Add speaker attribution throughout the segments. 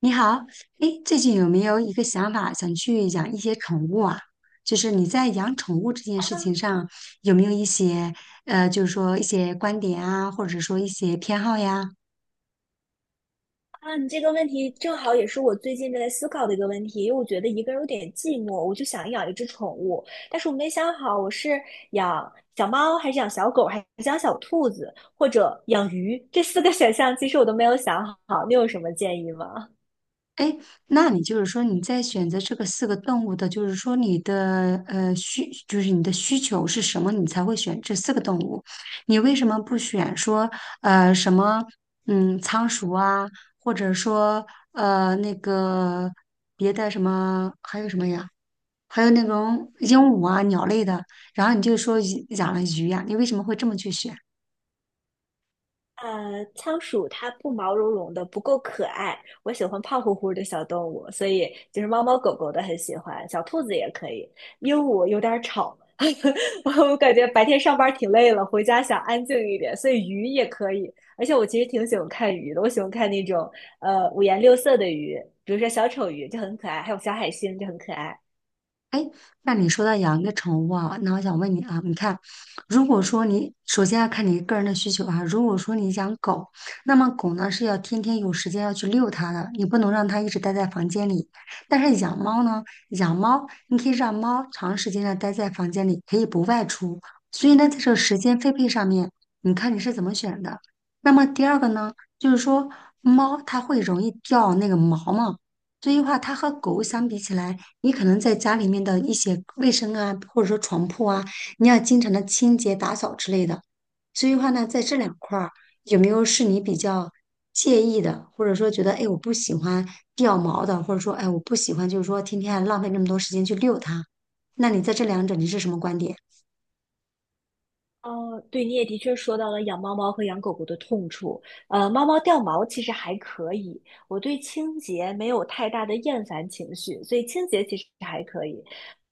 Speaker 1: 你好，哎，最近有没有一个想法，想去养一些宠物啊？就是你在养宠物这件事情上，有没有一些就是说一些观点啊，或者说一些偏好呀？
Speaker 2: 啊，你这个问题正好也是我最近正在思考的一个问题，因为我觉得一个人有点寂寞，我就想养一只宠物，但是我没想好我是养小猫还是养小狗，还是养小兔子，或者养鱼，这四个 选项其实我都没有想好，你有什么建议吗？
Speaker 1: 哎，那你就是说你在选择这个四个动物的，就是说你的就是你的需求是什么，你才会选这四个动物？你为什么不选说呃什么嗯仓鼠啊，或者说呃那个别的什么还有什么呀？还有那种鹦鹉啊鸟类的，然后你就说鱼养了鱼呀、你为什么会这么去选？
Speaker 2: 仓鼠它不毛茸茸的，不够可爱。我喜欢胖乎乎的小动物，所以就是猫猫狗狗的很喜欢，小兔子也可以。鹦鹉有点儿吵，我感觉白天上班挺累了，回家想安静一点，所以鱼也可以。而且我其实挺喜欢看鱼的，我喜欢看那种五颜六色的鱼，比如说小丑鱼就很可爱，还有小海星就很可爱。
Speaker 1: 那你说到养一个宠物啊，那我想问你啊，你看，如果说你首先要看你个人的需求啊，如果说你养狗，那么狗呢是要天天有时间要去遛它的，你不能让它一直待在房间里。但是养猫呢，养猫你可以让猫长时间的待在房间里，可以不外出。所以呢，在这个时间分配上面，你看你是怎么选的？那么第二个呢，就是说猫它会容易掉那个毛嘛。所以话，它和狗相比起来。你可能在家里面的一些卫生啊，或者说床铺啊，你要经常的清洁打扫之类的。所以的话呢，在这两块儿，有没有是你比较介意的，或者说觉得哎我不喜欢掉毛的，或者说哎我不喜欢就是说天天浪费那么多时间去遛它？那你在这两者你是什么观点？
Speaker 2: 哦，对，你也的确说到了养猫猫和养狗狗的痛处。猫猫掉毛其实还可以，我对清洁没有太大的厌烦情绪，所以清洁其实还可以。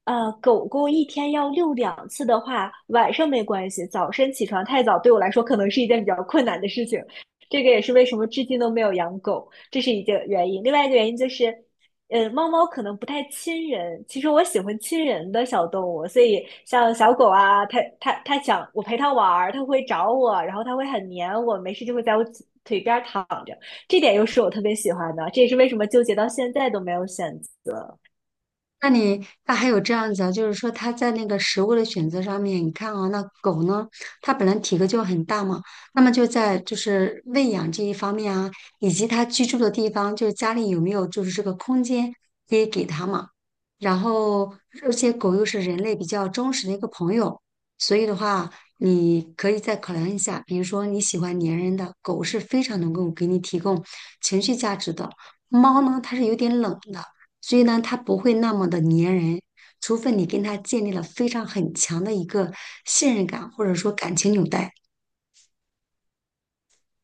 Speaker 2: 狗狗一天要遛两次的话，晚上没关系，早晨起床太早对我来说可能是一件比较困难的事情。这个也是为什么至今都没有养狗，这是一个原因。另外一个原因就是。猫猫可能不太亲人，其实我喜欢亲人的小动物，所以像小狗啊，它想我陪它玩儿，它会找我，然后它会很黏我，没事就会在我腿边儿躺着，这点又是我特别喜欢的，这也是为什么纠结到现在都没有选择。
Speaker 1: 那你那还有这样子啊，就是说它在那个食物的选择上面，你看啊，那狗呢，它本来体格就很大嘛，那么就在就是喂养这一方面啊，以及它居住的地方，就是家里有没有就是这个空间可以给它嘛。然后，而且狗又是人类比较忠实的一个朋友，所以的话，你可以再考量一下，比如说你喜欢粘人的狗是非常能够给你提供情绪价值的，猫呢它是有点冷的。所以呢，它不会那么的粘人，除非你跟他建立了非常很强的一个信任感，或者说感情纽带。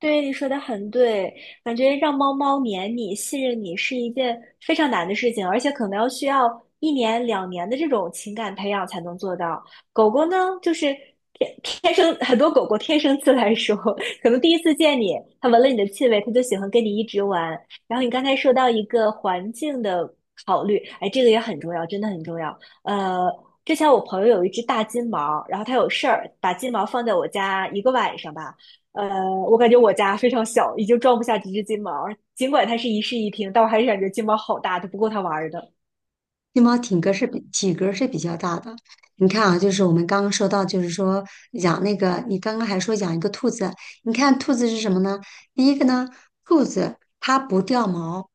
Speaker 2: 对，你说的很对，感觉让猫猫黏你、信任你是一件非常难的事情，而且可能要需要一年、两年的这种情感培养才能做到。狗狗呢，就是天天生很多狗狗天生自来熟，可能第一次见你，它闻了你的气味，它就喜欢跟你一直玩。然后你刚才说到一个环境的考虑，哎，这个也很重要，真的很重要。呃，之前我朋友有一只大金毛，然后它有事儿，把金毛放在我家一个晚上吧。呃，我感觉我家非常小，已经装不下几只金毛儿尽管它是一室一厅，但我还是感觉金毛好大，都不够它玩儿的。
Speaker 1: 金毛体格是比较大的，你看啊，就是我们刚刚说到，就是说养那个，你刚刚还说养一个兔子，你看兔子是什么呢？第一个呢，兔子它不掉毛，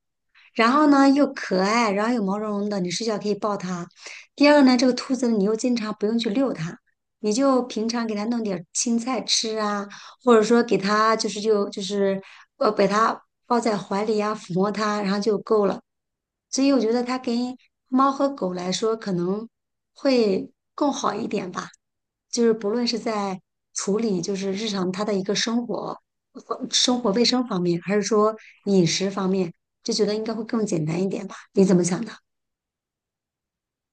Speaker 1: 然后呢又可爱，然后又毛茸茸的，你睡觉可以抱它。第二呢，这个兔子你又经常不用去遛它，你就平常给它弄点儿青菜吃啊，或者说给它把它抱在怀里呀、抚摸它，然后就够了。所以我觉得它跟猫和狗来说可能会更好一点吧，就是不论是在处理就是日常它的一个生活、生活卫生方面，还是说饮食方面，就觉得应该会更简单一点吧？你怎么想的？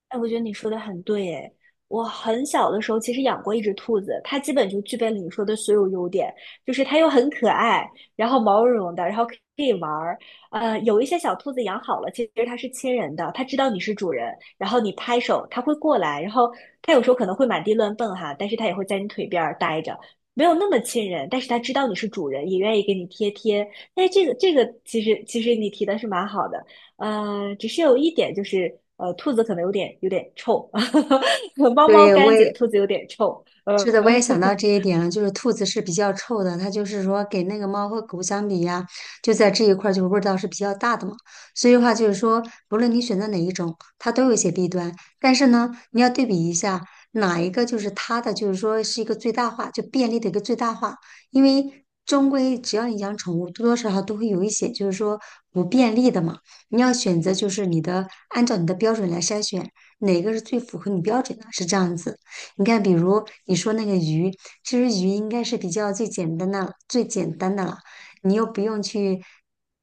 Speaker 2: 哎，我觉得你说的很对，哎，我很小的时候其实养过一只兔子，它基本就具备了你说的所有优点，就是它又很可爱，然后毛茸茸的，然后可以玩儿。有一些小兔子养好了，其实它是亲人的，它知道你是主人，然后你拍手，它会过来，然后它有时候可能会满地乱蹦哈，但是它也会在你腿边儿待着，没有那么亲人，但是它知道你是主人，也愿意给你贴贴。哎，这个其实你提的是蛮好的。只是有一点就是，兔子可能有点臭，猫猫
Speaker 1: 对，我
Speaker 2: 干
Speaker 1: 也
Speaker 2: 净，兔子有点臭，
Speaker 1: 是的，我也想到这一点了，就是兔子是比较臭的，它就是说给那个猫和狗相比呀，就在这一块儿就味道是比较大的嘛。所以的话就是说，不论你选择哪一种，它都有一些弊端，但是呢，你要对比一下哪一个就是它的，就是说是一个最大化，就便利的一个最大化，因为。终归，只要你养宠物，多多少少都会有一些，就是说不便利的嘛。你要选择，就是你的，按照你的标准来筛选，哪个是最符合你标准的，是这样子。你看，比如你说那个鱼，其实鱼应该是比较最简单的、最简单的了，你又不用去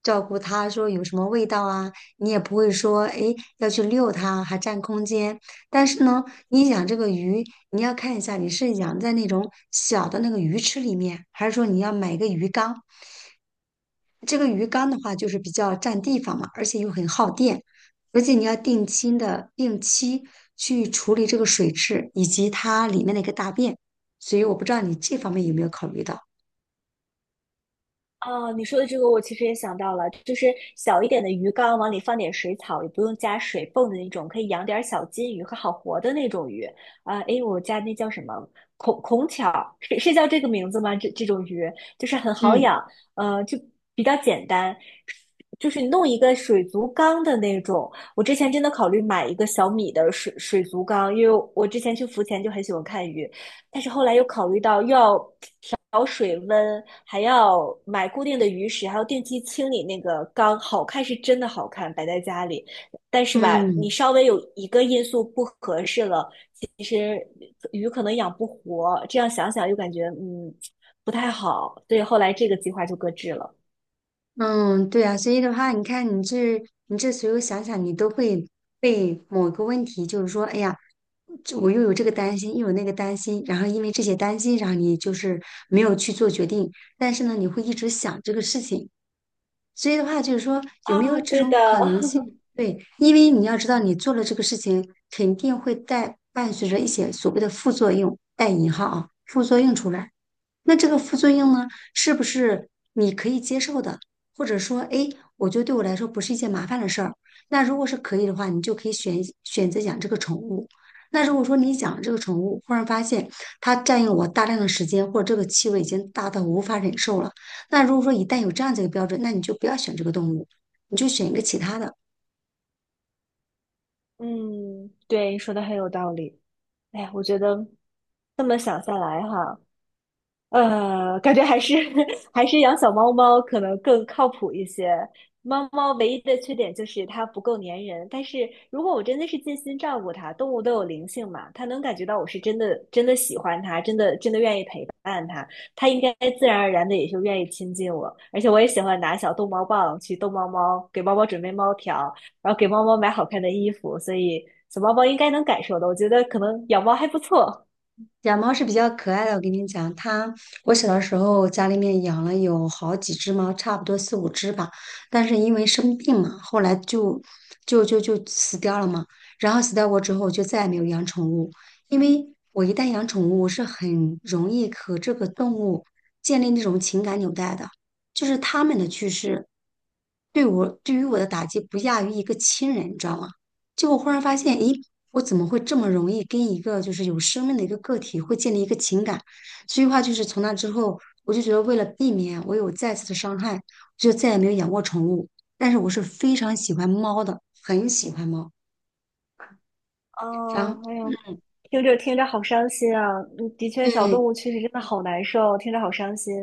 Speaker 1: 照顾它，说有什么味道啊，你也不会说诶要去遛它，还占空间。但是呢，你养这个鱼，你要看一下你是养在那种小的那个鱼池里面，还是说你要买一个鱼缸，这个鱼缸的话，就是比较占地方嘛，而且又很耗电，而且你要定期去处理这个水质以及它里面的一个大便，所以我不知道你这方面有没有考虑到。
Speaker 2: 哦，你说的这个我其实也想到了，就是小一点的鱼缸，往里放点水草，也不用加水泵的那种，可以养点小金鱼和好活的那种鱼。啊、诶，我家那叫什么孔孔巧，是是叫这个名字吗？这这种鱼就是很好
Speaker 1: 嗯
Speaker 2: 养，就比较简单，就是你弄一个水族缸的那种。我之前真的考虑买一个小米的水族缸，因为我之前去浮潜就很喜欢看鱼，但是后来又考虑到又要。调水温，还要买固定的鱼食，还要定期清理那个缸。好看是真的好看，摆在家里，但是吧，你
Speaker 1: 嗯
Speaker 2: 稍微有一个因素不合适了，其实鱼可能养不活。这样想想又感觉不太好，所以后来这个计划就搁置了。
Speaker 1: 嗯，对啊，所以的话，你看你这随后想想，你都会被某个问题，就是说，哎呀，这我又有这个担心，又有那个担心，然后因为这些担心，然后你就是没有去做决定，但是呢，你会一直想这个事情。所以的话，就是说有没
Speaker 2: 啊，
Speaker 1: 有这
Speaker 2: 对的，
Speaker 1: 种可能性？对，因为你要知道，你做了这个事情，肯定会带伴随着一些所谓的副作用，带引号啊，副作用出来。那这个副作用呢，是不是你可以接受的？或者说，哎，我觉得对我来说不是一件麻烦的事儿。那如果是可以的话，你就可以选择养这个宠物。那如果说你养这个宠物，忽然发现它占用我大量的时间，或者这个气味已经大到无法忍受了。那如果说一旦有这样子一个标准，那你就不要选这个动物，你就选一个其他的。
Speaker 2: 嗯，对，你说的很有道理。哎，我觉得这么想下来哈。感觉还是 还是养小猫猫可能更靠谱一些。猫猫唯一的缺点就是它不够粘人，但是如果我真的是尽心照顾它，动物都有灵性嘛，它能感觉到我是真的真的喜欢它，真的真的愿意陪伴它，它应该自然而然的也就愿意亲近我。而且我也喜欢拿小逗猫棒去逗猫猫，给猫猫准备猫条，然后给猫猫买好看的衣服，所以小猫猫应该能感受的。我觉得可能养猫还不错。
Speaker 1: 养猫是比较可爱的，我跟你讲，它我小的时候家里面养了有好几只猫，差不多四五只吧。但是因为生病嘛，后来就死掉了嘛。然后死掉过之后，我就再也没有养宠物，因为我一旦养宠物，我是很容易和这个动物建立那种情感纽带的，就是它们的去世对于我的打击不亚于一个亲人，你知道吗？就我忽然发现，咦。我怎么会这么容易跟一个就是有生命的一个个体会建立一个情感？所以话就是从那之后，我就觉得为了避免我有再次的伤害，就再也没有养过宠物。但是我是非常喜欢猫的，很喜欢猫。然
Speaker 2: 哦，
Speaker 1: 后
Speaker 2: 哎呀，听着听着好伤心啊！嗯的确，小
Speaker 1: 对，
Speaker 2: 动物确实真的好难受，听着好伤心。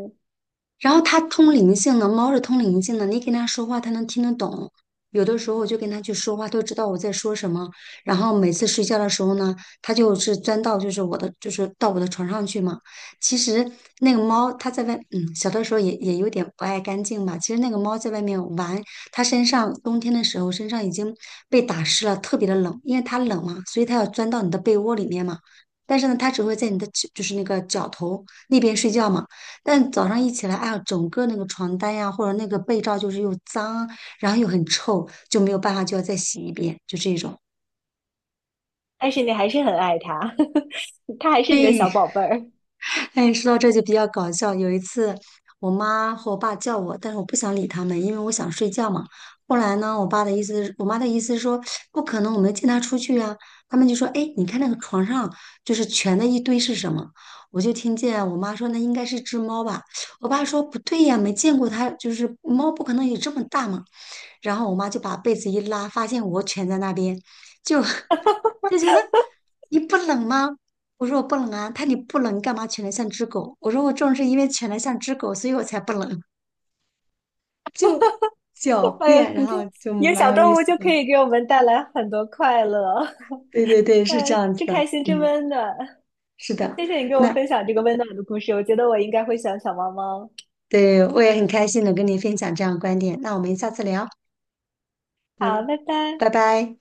Speaker 1: 然后它通灵性的，猫是通灵性的，你跟它说话，它能听得懂。有的时候我就跟它去说话，它就知道我在说什么。然后每次睡觉的时候呢，它就是钻到就是我的就是到我的床上去嘛。其实那个猫它在外，嗯，小的时候也有点不爱干净吧。其实那个猫在外面玩，它身上冬天的时候身上已经被打湿了，特别的冷，因为它冷嘛，所以它要钻到你的被窝里面嘛。但是呢，它只会在你的脚就是那个脚头那边睡觉嘛。但早上一起来，哎呀，整个那个床单呀，或者那个被罩，就是又脏，然后又很臭，就没有办法，就要再洗一遍，就这种。
Speaker 2: 但是你还是很爱它，它还是你的小宝贝儿。
Speaker 1: 哎，说到这就比较搞笑。有一次，我妈和我爸叫我，但是我不想理他们，因为我想睡觉嘛。后来呢，我妈的意思是说，不可能，我没见他出去啊。他们就说，哎，你看那个床上就是蜷的一堆是什么？我就听见我妈说，那应该是只猫吧。我爸说，不对呀，没见过它，就是猫不可能有这么大嘛。然后我妈就把被子一拉，发现我蜷在那边，就 就觉得你不冷吗？我说我不冷啊，他你不冷，你干嘛蜷得像只狗？我说我正是因为蜷得像只狗，所以我才不冷，就 狡
Speaker 2: 哎呦，
Speaker 1: 辩，然
Speaker 2: 你看，
Speaker 1: 后就
Speaker 2: 有
Speaker 1: 蛮
Speaker 2: 小
Speaker 1: 有意
Speaker 2: 动物
Speaker 1: 思
Speaker 2: 就可
Speaker 1: 的。
Speaker 2: 以给我们带来很多快乐。
Speaker 1: 对对对，是这
Speaker 2: 哎，
Speaker 1: 样子
Speaker 2: 真
Speaker 1: 的，
Speaker 2: 开心，真
Speaker 1: 嗯，
Speaker 2: 温暖。
Speaker 1: 是的，
Speaker 2: 谢谢你给我
Speaker 1: 那
Speaker 2: 分享这个温暖的故事，我觉得我应该会喜欢小猫猫。
Speaker 1: 对我也很开心能跟你分享这样的观点，那我们下次聊，
Speaker 2: 好，
Speaker 1: 嗯，
Speaker 2: 拜拜。
Speaker 1: 拜拜。